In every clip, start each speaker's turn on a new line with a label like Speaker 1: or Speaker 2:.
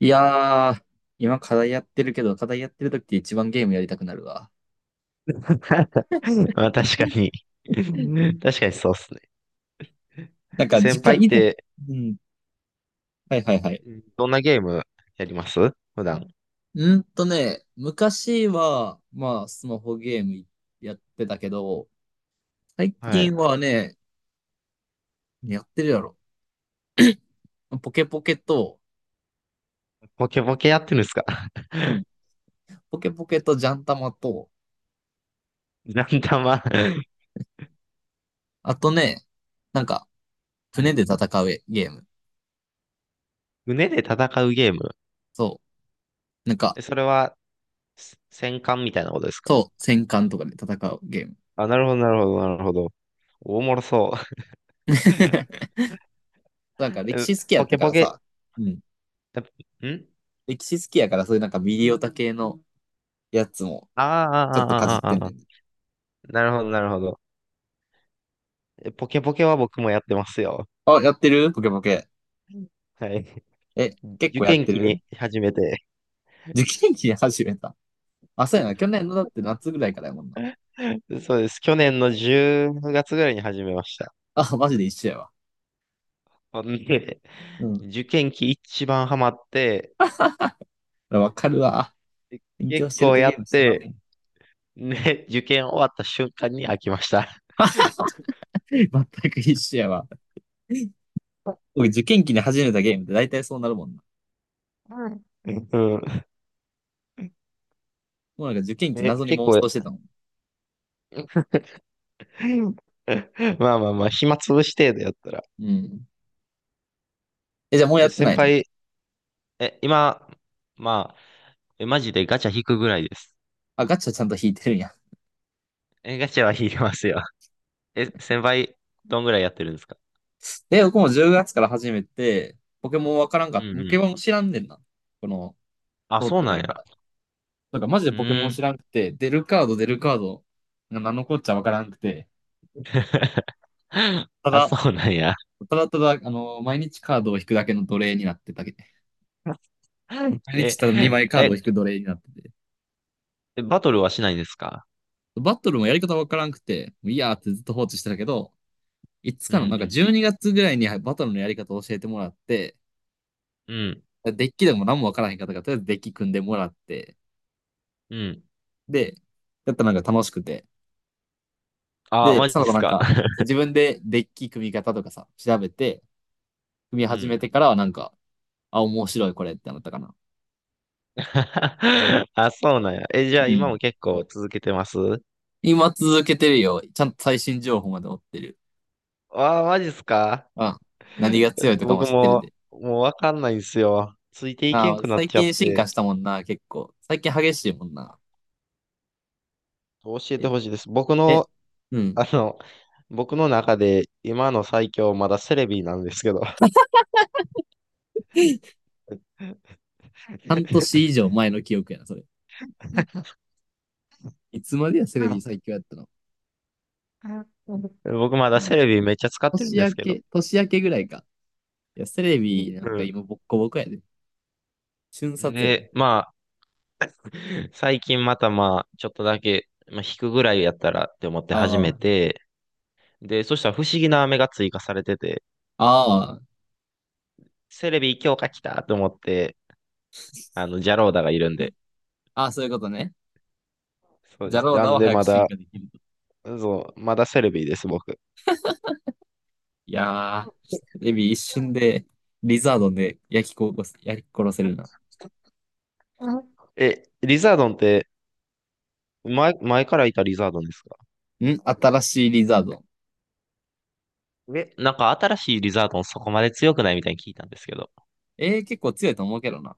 Speaker 1: いやー、今課題やってるけど、課題やってる時って一番ゲームやりたくなるわ。
Speaker 2: まあ確かに 確かにそうっすね。
Speaker 1: なん
Speaker 2: で
Speaker 1: か、時
Speaker 2: 先輩
Speaker 1: 間
Speaker 2: っ
Speaker 1: 以前、
Speaker 2: て、
Speaker 1: うん。はいはいはい。
Speaker 2: どんなゲームやります普段。
Speaker 1: 昔は、まあ、スマホゲームやってたけど、最
Speaker 2: は
Speaker 1: 近
Speaker 2: い。
Speaker 1: はね、やってるやろ。ポケポケと、
Speaker 2: ポケポケやってるんですか？
Speaker 1: うん。ポケポケとジャンタマと、
Speaker 2: ランダマ
Speaker 1: あとね、なんか、
Speaker 2: はい、
Speaker 1: 船で戦うゲーム。
Speaker 2: 胸で戦うゲーム。
Speaker 1: そう。なんか、
Speaker 2: え、それは、戦艦みたいなことですか？
Speaker 1: そう、戦艦とかで戦うゲーム。
Speaker 2: あ、なるほど、なるほど、なるほど。おもろそう。え、
Speaker 1: なんか、歴史好きやっ
Speaker 2: ポ
Speaker 1: た
Speaker 2: ケ
Speaker 1: か
Speaker 2: ポ
Speaker 1: ら
Speaker 2: ケ、
Speaker 1: さ、うん。
Speaker 2: えん
Speaker 1: 歴史好きやから、そういうなんかミリオタ系のやつも、
Speaker 2: あ
Speaker 1: ちょっとかじっ
Speaker 2: あ、あーあー、
Speaker 1: て
Speaker 2: あ
Speaker 1: ん
Speaker 2: ーあー、
Speaker 1: ね
Speaker 2: あ
Speaker 1: ん。
Speaker 2: ーなるほど、なるほど。え、ポケポケは僕もやってますよ。
Speaker 1: あ、やってるポケポケ。
Speaker 2: はい。
Speaker 1: え、結
Speaker 2: 受
Speaker 1: 構やっ
Speaker 2: 験
Speaker 1: て
Speaker 2: 期に
Speaker 1: る？
Speaker 2: 始めて。
Speaker 1: 受験期に始めた。あ、そうやな。去年のだって夏ぐらいからやもんな。
Speaker 2: そうです。去年の10月ぐらいに始めました。
Speaker 1: あ、マジで一緒やわ。
Speaker 2: ほんで、
Speaker 1: う ん。
Speaker 2: 受験期一番ハマって、
Speaker 1: わかるわ。勉強し
Speaker 2: 結
Speaker 1: てる
Speaker 2: 構
Speaker 1: とゲ
Speaker 2: や
Speaker 1: ーム
Speaker 2: っ
Speaker 1: したな、も
Speaker 2: て、
Speaker 1: う。
Speaker 2: ね、受験終わった瞬間に飽きました。
Speaker 1: あ、全く一緒やわ。僕、受験期に始めたゲームって大体そうなるもんな。
Speaker 2: うん。
Speaker 1: もうなんか受験期
Speaker 2: ね、
Speaker 1: 謎に
Speaker 2: 結
Speaker 1: 妄
Speaker 2: 構、
Speaker 1: 想してたもん。
Speaker 2: まあまあまあ、暇つぶし程度やったら。
Speaker 1: うん。え、じゃあもうや
Speaker 2: え、
Speaker 1: ってな
Speaker 2: 先
Speaker 1: いの？
Speaker 2: 輩、え、今、まあ、え、マジでガチャ引くぐらいです。
Speaker 1: あ、ガチャちゃんと引いてるんや。
Speaker 2: え、ガチャは引きますよ。え、先輩、どんぐらいやってるんですか？
Speaker 1: え、僕も10月から始めて、ポケモンわからんか
Speaker 2: う
Speaker 1: った。
Speaker 2: ん
Speaker 1: ポ
Speaker 2: う
Speaker 1: ケ
Speaker 2: ん。
Speaker 1: モン知らんねんな。この、
Speaker 2: あ、
Speaker 1: 通っ
Speaker 2: そう
Speaker 1: てな
Speaker 2: なん
Speaker 1: いから。
Speaker 2: や。
Speaker 1: だからマジで
Speaker 2: う
Speaker 1: ポケモ
Speaker 2: ー
Speaker 1: ン
Speaker 2: ん。
Speaker 1: 知らんくて、出るカード出るカード、なんのこっちゃわからんくて、た
Speaker 2: あ、
Speaker 1: だ、
Speaker 2: そうなんや。
Speaker 1: ただただ、あの、毎日カードを引くだけの奴隷になってたけど、毎日
Speaker 2: え、
Speaker 1: ただ2枚カー
Speaker 2: え、
Speaker 1: ドを引く奴隷になってて、
Speaker 2: バトルはしないんですか？
Speaker 1: バトルもやり方わからんくて、もういいやーってずっと放置してたけど、いつ
Speaker 2: う
Speaker 1: かの、なん
Speaker 2: ん、
Speaker 1: か12月ぐらいにバトルのやり方を教えてもらって、
Speaker 2: うん、
Speaker 1: デッキでも何もわからへんかったから、とりあえずデッキ組んでもらって、
Speaker 2: うん。
Speaker 1: で、やったらなんか楽しくて、
Speaker 2: あ、
Speaker 1: で、
Speaker 2: マジ
Speaker 1: そ
Speaker 2: で
Speaker 1: の子
Speaker 2: す
Speaker 1: なん
Speaker 2: か？
Speaker 1: か、自分でデッキ組み方とかさ、調べて、組み
Speaker 2: う
Speaker 1: 始め
Speaker 2: ん。
Speaker 1: てからはなんか、あ、面白いこれってなったかな。
Speaker 2: あ、そうなんや。え、じゃあ
Speaker 1: う
Speaker 2: 今
Speaker 1: ん。
Speaker 2: も結構続けてます？
Speaker 1: 今続けてるよ。ちゃんと最新情報まで追ってる。
Speaker 2: あ、マジですか？
Speaker 1: あ、何が強いとかも
Speaker 2: 僕
Speaker 1: 知ってるん
Speaker 2: も、
Speaker 1: で。
Speaker 2: もうわかんないんですよ。ついていけん
Speaker 1: あ、
Speaker 2: くなっ
Speaker 1: 最
Speaker 2: ちゃっ
Speaker 1: 近進化
Speaker 2: て、
Speaker 1: したもんな、結構。最近激しいもんな。
Speaker 2: 教え
Speaker 1: え、
Speaker 2: てほしいです。僕
Speaker 1: え、
Speaker 2: の、
Speaker 1: うん。
Speaker 2: あの、僕の中で今の最強まだセレビなんですけど。
Speaker 1: 半 年以上前の記憶やな、それ。いつまでや、セレビ最強やったの。
Speaker 2: 僕まだセレビめっちゃ使ってるん
Speaker 1: 年
Speaker 2: です
Speaker 1: 明
Speaker 2: けど。
Speaker 1: け、年明けぐらいか。いや、セレ
Speaker 2: う
Speaker 1: ビなんか
Speaker 2: ん、
Speaker 1: 今ボッコボコやで。瞬殺やで。
Speaker 2: で、まあ、最近またまあ、ちょっとだけ、まあ、引くぐらいやったらって思って始
Speaker 1: あ
Speaker 2: め
Speaker 1: あ。
Speaker 2: て、で、そしたら不思議な飴が追加されてて、
Speaker 1: ああ。
Speaker 2: セレビ強化来たと思って、あの、ジャローダがいるんで。
Speaker 1: ああ、そういうことね。
Speaker 2: そう
Speaker 1: ジ
Speaker 2: で
Speaker 1: ャ
Speaker 2: す。
Speaker 1: ロー
Speaker 2: な
Speaker 1: ダ
Speaker 2: ん
Speaker 1: を
Speaker 2: で
Speaker 1: 早く
Speaker 2: ま
Speaker 1: 進
Speaker 2: だ、
Speaker 1: 化できると。
Speaker 2: そう、まだセレビです、僕。
Speaker 1: いやー、エビ一瞬でリザードンで焼き殺す、焼き殺せるな。
Speaker 2: うん。え、リザードンって、前からいたリザードンですか？
Speaker 1: ん、新しいリザードン。
Speaker 2: え、なんか新しいリザードンそこまで強くないみたいに聞いたんですけど。
Speaker 1: えー、結構強いと思うけどな。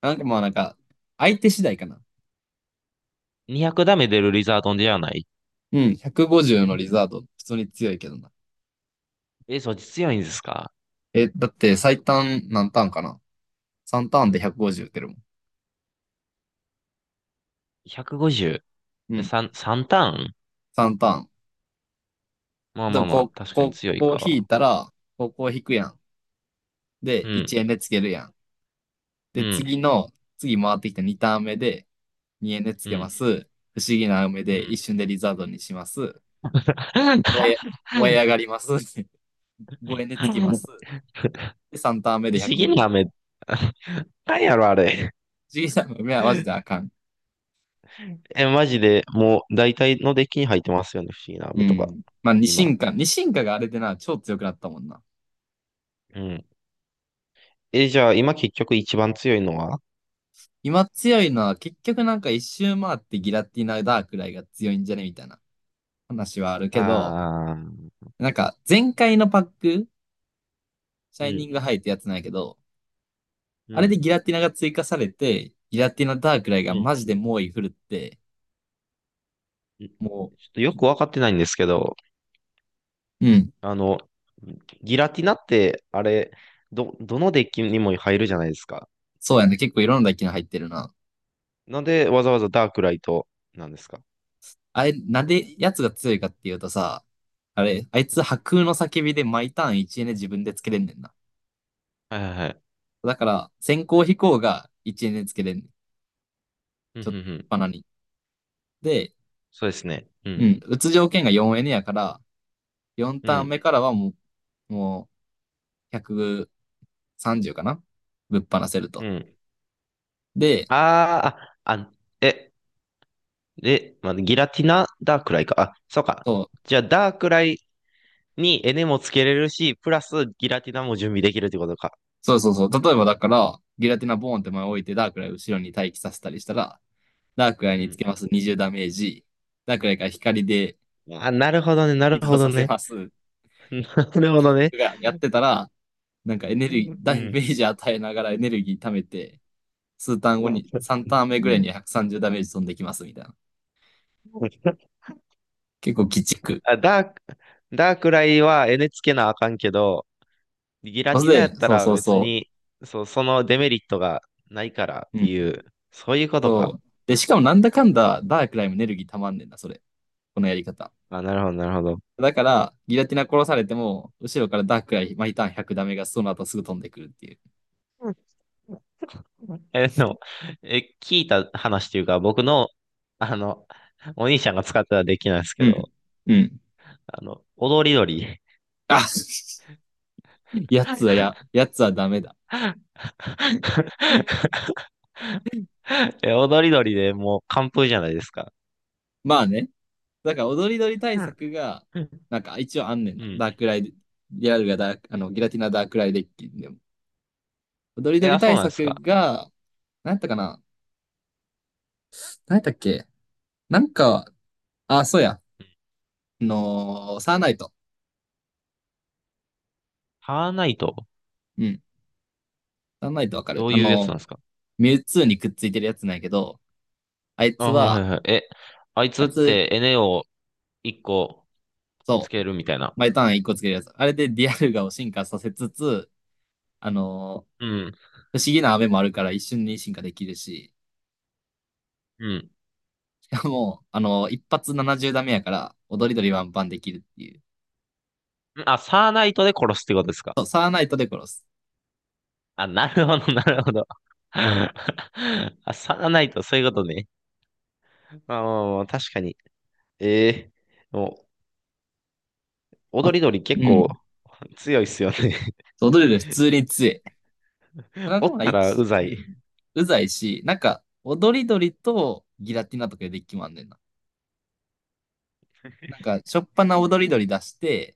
Speaker 1: なんかまあなんか、相手次第かな。
Speaker 2: 200ダメ出るリザードンではない？
Speaker 1: うん、150のリ
Speaker 2: ん、
Speaker 1: ザードン、普通に強いけどな。
Speaker 2: え、そっち強いんですか？
Speaker 1: え、だって最短何ターンかな？ 3 ターンで150打てるもん。う
Speaker 2: 150。
Speaker 1: ん、
Speaker 2: 3、三ターン、
Speaker 1: 3ターン。
Speaker 2: まあ
Speaker 1: で
Speaker 2: ま
Speaker 1: も
Speaker 2: あま
Speaker 1: こ
Speaker 2: あ、
Speaker 1: う、
Speaker 2: 確かに
Speaker 1: こう、
Speaker 2: 強い
Speaker 1: こう引い
Speaker 2: か。
Speaker 1: たら、こう、こを引くやん。
Speaker 2: う
Speaker 1: で、1
Speaker 2: ん、
Speaker 1: 円でつけるやん。
Speaker 2: う
Speaker 1: で、
Speaker 2: ん、
Speaker 1: 次の、次回ってきた2ターン目で、2えんでつ
Speaker 2: う
Speaker 1: けま
Speaker 2: ん、
Speaker 1: す。不思議な雨
Speaker 2: う
Speaker 1: で一
Speaker 2: ん。
Speaker 1: 瞬でリザードにします。燃え、燃え上がります。ごえんでつきます。
Speaker 2: 不
Speaker 1: で、3ターン目で
Speaker 2: 思議な
Speaker 1: 150。
Speaker 2: 飴。なんやろ、あれ。
Speaker 1: 不思議な雨はマジであかん。
Speaker 2: え、マジで、もう、大体のデッキに入ってますよね、不思議な
Speaker 1: う
Speaker 2: 飴とか。
Speaker 1: ん。まあ、二
Speaker 2: 今。
Speaker 1: 進化。二進化があれでな、超強くなったもんな。
Speaker 2: うん。え、じゃあ、今結局一番強いのは？
Speaker 1: 今強いのは結局なんか一周回ってギラティナダークライが強いんじゃねみたいな話はあるけど、
Speaker 2: ああー、
Speaker 1: なんか前回のパック、シ
Speaker 2: う
Speaker 1: ャイニ
Speaker 2: ん、
Speaker 1: ングハイってやつなんやけど、
Speaker 2: う
Speaker 1: あれで
Speaker 2: ん、
Speaker 1: ギラティナが追加されて、ギラティナダークライ
Speaker 2: う
Speaker 1: が
Speaker 2: ん。
Speaker 1: マジで猛威振るって、
Speaker 2: うん、ちょ
Speaker 1: も
Speaker 2: っとよくわかってないんですけど、
Speaker 1: う、うん、
Speaker 2: あの、ギラティナって、あれ、どのデッキにも入るじゃないですか。
Speaker 1: そうやね。結構いろんな機能入ってるな。
Speaker 2: なんでわざわざダークライトなんですか？
Speaker 1: あれ、なんでやつが強いかっていうとさ、あれ、あいつ破空の叫びで毎ターン1エネ自分でつけれんねんな。
Speaker 2: はいはいはい。
Speaker 1: だから、先行飛行が1エネつけれんねん。
Speaker 2: うん、う
Speaker 1: ち
Speaker 2: ん、
Speaker 1: ょっと
Speaker 2: うん。
Speaker 1: バナに。で、
Speaker 2: そうですね。う
Speaker 1: う
Speaker 2: ん、
Speaker 1: ん、打つ条件が4エネやから、4
Speaker 2: う
Speaker 1: ターン
Speaker 2: ん、
Speaker 1: 目からはもう、もう130かなぶっ放せる
Speaker 2: う
Speaker 1: と。
Speaker 2: ん。
Speaker 1: で、
Speaker 2: あーあ、あ、え、で、まあ、ギラティナダークライか。あ、そうか。
Speaker 1: そう、
Speaker 2: じゃあ、ダークライにエネもつけれるし、プラスギラティナも準備できるってことか。
Speaker 1: そうそうそう。例えばだから、ギラティナボーンって前置いてダークライ後ろに待機させたりしたら、ダークライ
Speaker 2: う
Speaker 1: につ
Speaker 2: ん。
Speaker 1: けます20ダメージ。ダークライから光で
Speaker 2: あ、なるほどね、な
Speaker 1: 移
Speaker 2: る
Speaker 1: 動
Speaker 2: ほど
Speaker 1: させ
Speaker 2: ね。
Speaker 1: ます。
Speaker 2: なるほどね。
Speaker 1: がやってたら、なんかエネ
Speaker 2: う
Speaker 1: ルギー、ダメ
Speaker 2: ん。
Speaker 1: ージ与えながらエネルギー貯めて、数ターン後に、3タ ーン目ぐ
Speaker 2: う
Speaker 1: らい
Speaker 2: ん、
Speaker 1: に130ダメージ飛んできますみたいな。結構鬼畜。
Speaker 2: あ、ダーク、ダークライはエネつけなあかんけど、ギラ
Speaker 1: そ
Speaker 2: ティナや
Speaker 1: れ
Speaker 2: っ
Speaker 1: で、
Speaker 2: た
Speaker 1: そう
Speaker 2: ら
Speaker 1: そう
Speaker 2: 別
Speaker 1: そ
Speaker 2: に、そう、そのデメリットがないからっ
Speaker 1: う。う
Speaker 2: てい
Speaker 1: ん。
Speaker 2: う、そういうことか。
Speaker 1: そう。で、しかもなんだかんだ、ダークライもエネルギー溜まんねんな、それ。このやり方。
Speaker 2: あ、なるほど、なるほど。
Speaker 1: だから、ギラティナ殺されても、後ろからダークライ、毎ターン100ダメがその後すぐ飛んでくるっていう。
Speaker 2: え、でも、え、聞いた話というか、僕の、あの、お兄ちゃんが使ってはできないです
Speaker 1: う
Speaker 2: けど、
Speaker 1: ん。うん。
Speaker 2: あの、踊り鳥。
Speaker 1: あ、 やつはや、やつはダメだ。
Speaker 2: え、踊り鳥でもう完封じゃないですか。
Speaker 1: まあね。だから踊り鳥対
Speaker 2: うん。
Speaker 1: 策が、なんか一応あんねん
Speaker 2: う
Speaker 1: な。
Speaker 2: ん。
Speaker 1: ダークライで、ギラルがダーク、あの、ギラティナダークライデッキでも。踊り
Speaker 2: い
Speaker 1: 鳥
Speaker 2: や、そう
Speaker 1: 対
Speaker 2: なんです
Speaker 1: 策
Speaker 2: か。
Speaker 1: が、なんやったかな、なんやったっけ、なんか、あ、そうや。あのーサーナイト。
Speaker 2: ハーナイト、
Speaker 1: うん。サーナイトわかる。
Speaker 2: どう
Speaker 1: あ
Speaker 2: いうやつ
Speaker 1: の
Speaker 2: なん
Speaker 1: ー
Speaker 2: ですか？
Speaker 1: ミュウツーにくっついてるやつなんやけど、あい
Speaker 2: あ、
Speaker 1: つ
Speaker 2: はい
Speaker 1: は、
Speaker 2: はいはい。え、あいつ
Speaker 1: あ
Speaker 2: っ
Speaker 1: いつ、
Speaker 2: て NA を一個つ
Speaker 1: そう、
Speaker 2: けるみたいな。
Speaker 1: 毎ターン一個つけるやつ。あれでディアルガを進化させつつ、あのー
Speaker 2: うん、
Speaker 1: 不思議な雨もあるから一瞬に進化できるし、
Speaker 2: うん。
Speaker 1: もう、あの、一発70ダメやから、踊り鳥ワンパンできるっていう。
Speaker 2: あ、サーナイトで殺すってことですか。
Speaker 1: そう、サーナイトで殺す。
Speaker 2: あ、なるほど、なるほど。あ、サーナイト、そういうことね。まあまあまあ、確かに。ええ、もう、
Speaker 1: あ、
Speaker 2: 踊り鳥結
Speaker 1: う
Speaker 2: 構
Speaker 1: ん。
Speaker 2: 強いっすよね。
Speaker 1: 踊り鳥普通に強い。た だ
Speaker 2: お
Speaker 1: で
Speaker 2: っ
Speaker 1: もな、
Speaker 2: たらう
Speaker 1: 一、
Speaker 2: ざ
Speaker 1: う
Speaker 2: い。
Speaker 1: ん。うざいし、なんか、踊り鳥とギラティナとかでデッキもあんねんな。なんか、しょっぱな踊り鳥出して、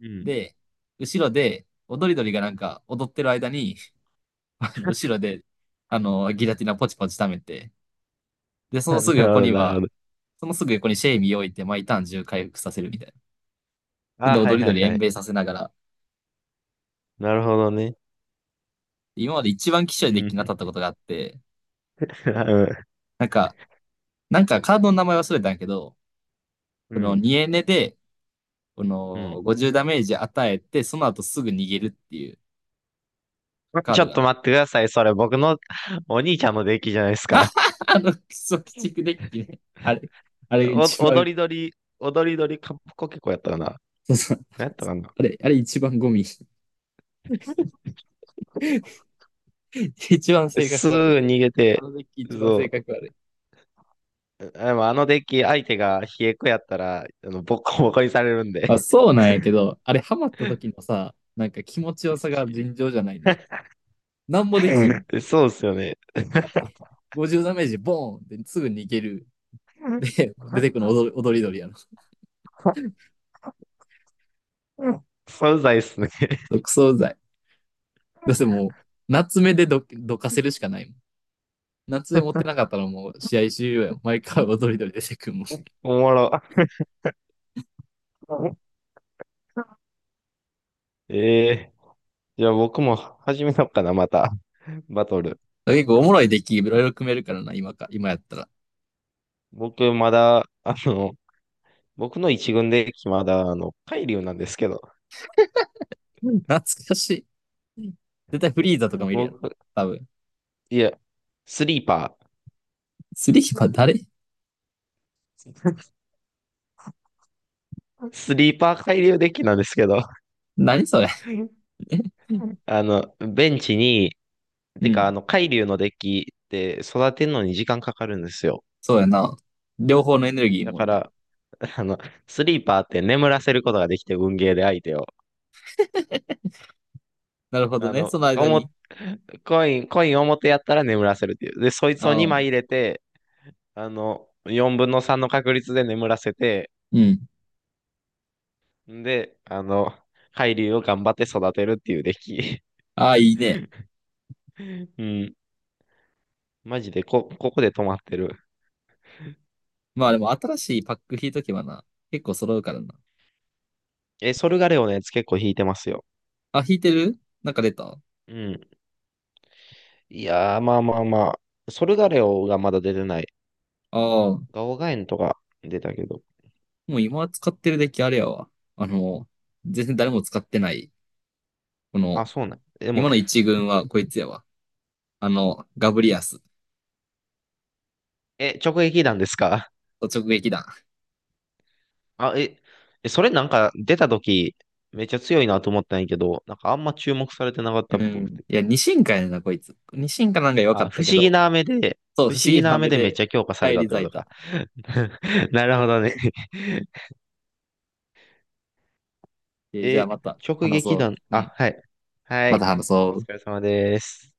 Speaker 2: うん。
Speaker 1: で、後ろで、踊り鳥がなんか踊ってる間に、あの後ろで、あの、ギラティナポチポチ溜めて、で、そ
Speaker 2: あ、な
Speaker 1: のす
Speaker 2: る
Speaker 1: ぐ
Speaker 2: ほ
Speaker 1: 横
Speaker 2: ど、
Speaker 1: に
Speaker 2: なるほ
Speaker 1: は、
Speaker 2: ど。
Speaker 1: そのすぐ横にシェイミー置いて、毎ターン中回復させるみたいな。そんで
Speaker 2: あ、は
Speaker 1: 踊
Speaker 2: い
Speaker 1: り
Speaker 2: はい
Speaker 1: 鳥
Speaker 2: は
Speaker 1: 延
Speaker 2: い。
Speaker 1: 命させながら、
Speaker 2: なるほどね。
Speaker 1: 今まで一番希少い
Speaker 2: う
Speaker 1: デッキ
Speaker 2: ん。
Speaker 1: に当たったことがあって、
Speaker 2: うん。
Speaker 1: なんか、なんかカードの名前忘れたんやけど、
Speaker 2: う
Speaker 1: この
Speaker 2: ん。
Speaker 1: 2エネで、こ
Speaker 2: う
Speaker 1: の
Speaker 2: ん、
Speaker 1: 50ダメージ与えて、その後すぐ逃げるっていうカー
Speaker 2: ちょ
Speaker 1: ド
Speaker 2: っ
Speaker 1: が、
Speaker 2: と待ってください。それ僕のお兄ちゃんのデッキじゃないですか。
Speaker 1: あの、クソ鬼畜デッキね。あれ、あれ一
Speaker 2: お
Speaker 1: 番、
Speaker 2: 踊り鳥、踊り鳥りカップコケコやったかな。
Speaker 1: そうそう、
Speaker 2: 何やったかな。
Speaker 1: あれ、あれ一番ゴミ。一番性格
Speaker 2: すぐ
Speaker 1: 悪い。
Speaker 2: 逃げ
Speaker 1: あ
Speaker 2: て、
Speaker 1: のデッキ一番性
Speaker 2: そ
Speaker 1: 格悪い。
Speaker 2: う。でもあのデッキ、相手が冷え子やったら、あの、ボコボコにされるんで。
Speaker 1: まあそうなんやけど、あれハマった時のさ、なんか気持ちよさが
Speaker 2: き
Speaker 1: 尋常じゃないね。なんもできん。
Speaker 2: そうっすよね。
Speaker 1: だって、50ダメージボーンってすぐ逃げる。て、出てくるの踊り踊り鳥やの、
Speaker 2: そうざいっすね。
Speaker 1: クソうざい。だってもう、夏目でどどかせるしかないもん。夏目持ってなかったらもう試合終了やん。毎回踊り鳥出てくるもん。
Speaker 2: おもろ。ええー、じゃあ僕も始めようかな、また。バトル。
Speaker 1: 結構おもろいデッキいろいろ組めるからな、今か、今やったら。
Speaker 2: 僕まだ、あの、僕の一軍デッキまだ、あの、海流なんですけど、
Speaker 1: うん、懐かしい。絶対フリーザとかもいるやろ。
Speaker 2: 僕、
Speaker 1: 多分。
Speaker 2: いや、スリーパ
Speaker 1: スリーは誰？
Speaker 2: ー。スリーパー海流デッキなんですけど、
Speaker 1: 何それ？
Speaker 2: あの、ベンチに、
Speaker 1: う
Speaker 2: てか、あ
Speaker 1: ん。
Speaker 2: の、海流のデッキって育てるのに時間かかるんですよ。
Speaker 1: そうやな。両方のエネルギー
Speaker 2: だ
Speaker 1: もん
Speaker 2: か
Speaker 1: な。
Speaker 2: ら、あの、スリーパーって眠らせることができて、運ゲーで相手を。
Speaker 1: なるほど
Speaker 2: あ
Speaker 1: ね。そ
Speaker 2: の、
Speaker 1: の
Speaker 2: お
Speaker 1: 間に。
Speaker 2: も、コイン、コイン表やったら眠らせるっていう。で、そいつを
Speaker 1: あ
Speaker 2: 2枚入
Speaker 1: あ。
Speaker 2: れて、あの、4分の3の確率で眠らせて、
Speaker 1: うん。
Speaker 2: んで、あの、海流を頑張って育てるっていうデッキ。
Speaker 1: ああ、いいね。
Speaker 2: うん。マジでここで止まってる。
Speaker 1: まあでも新しいパック引いとけばな、結構揃うからな。
Speaker 2: え、ソルガレオのやつ結構弾いてますよ。
Speaker 1: あ、引いてる？なんか出たあ？
Speaker 2: うん。いやー、まあまあまあ。ソルガレオがまだ出てない。
Speaker 1: あ
Speaker 2: ガオガエンとか出たけど。
Speaker 1: もう今使ってるデッキあれやわ。あの、全然誰も使ってない。この、
Speaker 2: あ、そうなん。で
Speaker 1: 今
Speaker 2: も、
Speaker 1: の一軍はこいつやわ。あの、ガブリアス。
Speaker 2: え、直撃弾ですか？
Speaker 1: 直撃弾。
Speaker 2: あ、え、え、それなんか出た時、めっちゃ強いなと思ったんやけど、なんかあんま注目されてなかった
Speaker 1: う
Speaker 2: っぽく
Speaker 1: ん。
Speaker 2: て。
Speaker 1: いや、二進化やねんな、こいつ。二進化なんか弱か
Speaker 2: あ、
Speaker 1: っ
Speaker 2: 不
Speaker 1: た
Speaker 2: 思
Speaker 1: け
Speaker 2: 議
Speaker 1: ど、
Speaker 2: な目で、
Speaker 1: そう、
Speaker 2: 不
Speaker 1: 不
Speaker 2: 思
Speaker 1: 思議
Speaker 2: 議な
Speaker 1: な
Speaker 2: 目
Speaker 1: 目
Speaker 2: でめっち
Speaker 1: で
Speaker 2: ゃ強化され
Speaker 1: 帰
Speaker 2: たっ
Speaker 1: り
Speaker 2: てこ
Speaker 1: 咲い
Speaker 2: と
Speaker 1: た。
Speaker 2: か。なるほどね。
Speaker 1: えーじゃあ
Speaker 2: え、
Speaker 1: また
Speaker 2: 直
Speaker 1: 話
Speaker 2: 撃
Speaker 1: そ
Speaker 2: 弾。
Speaker 1: う。う
Speaker 2: あ、
Speaker 1: ん。
Speaker 2: はい。は
Speaker 1: また
Speaker 2: い。
Speaker 1: 話そ
Speaker 2: お
Speaker 1: う。
Speaker 2: 疲れ様です。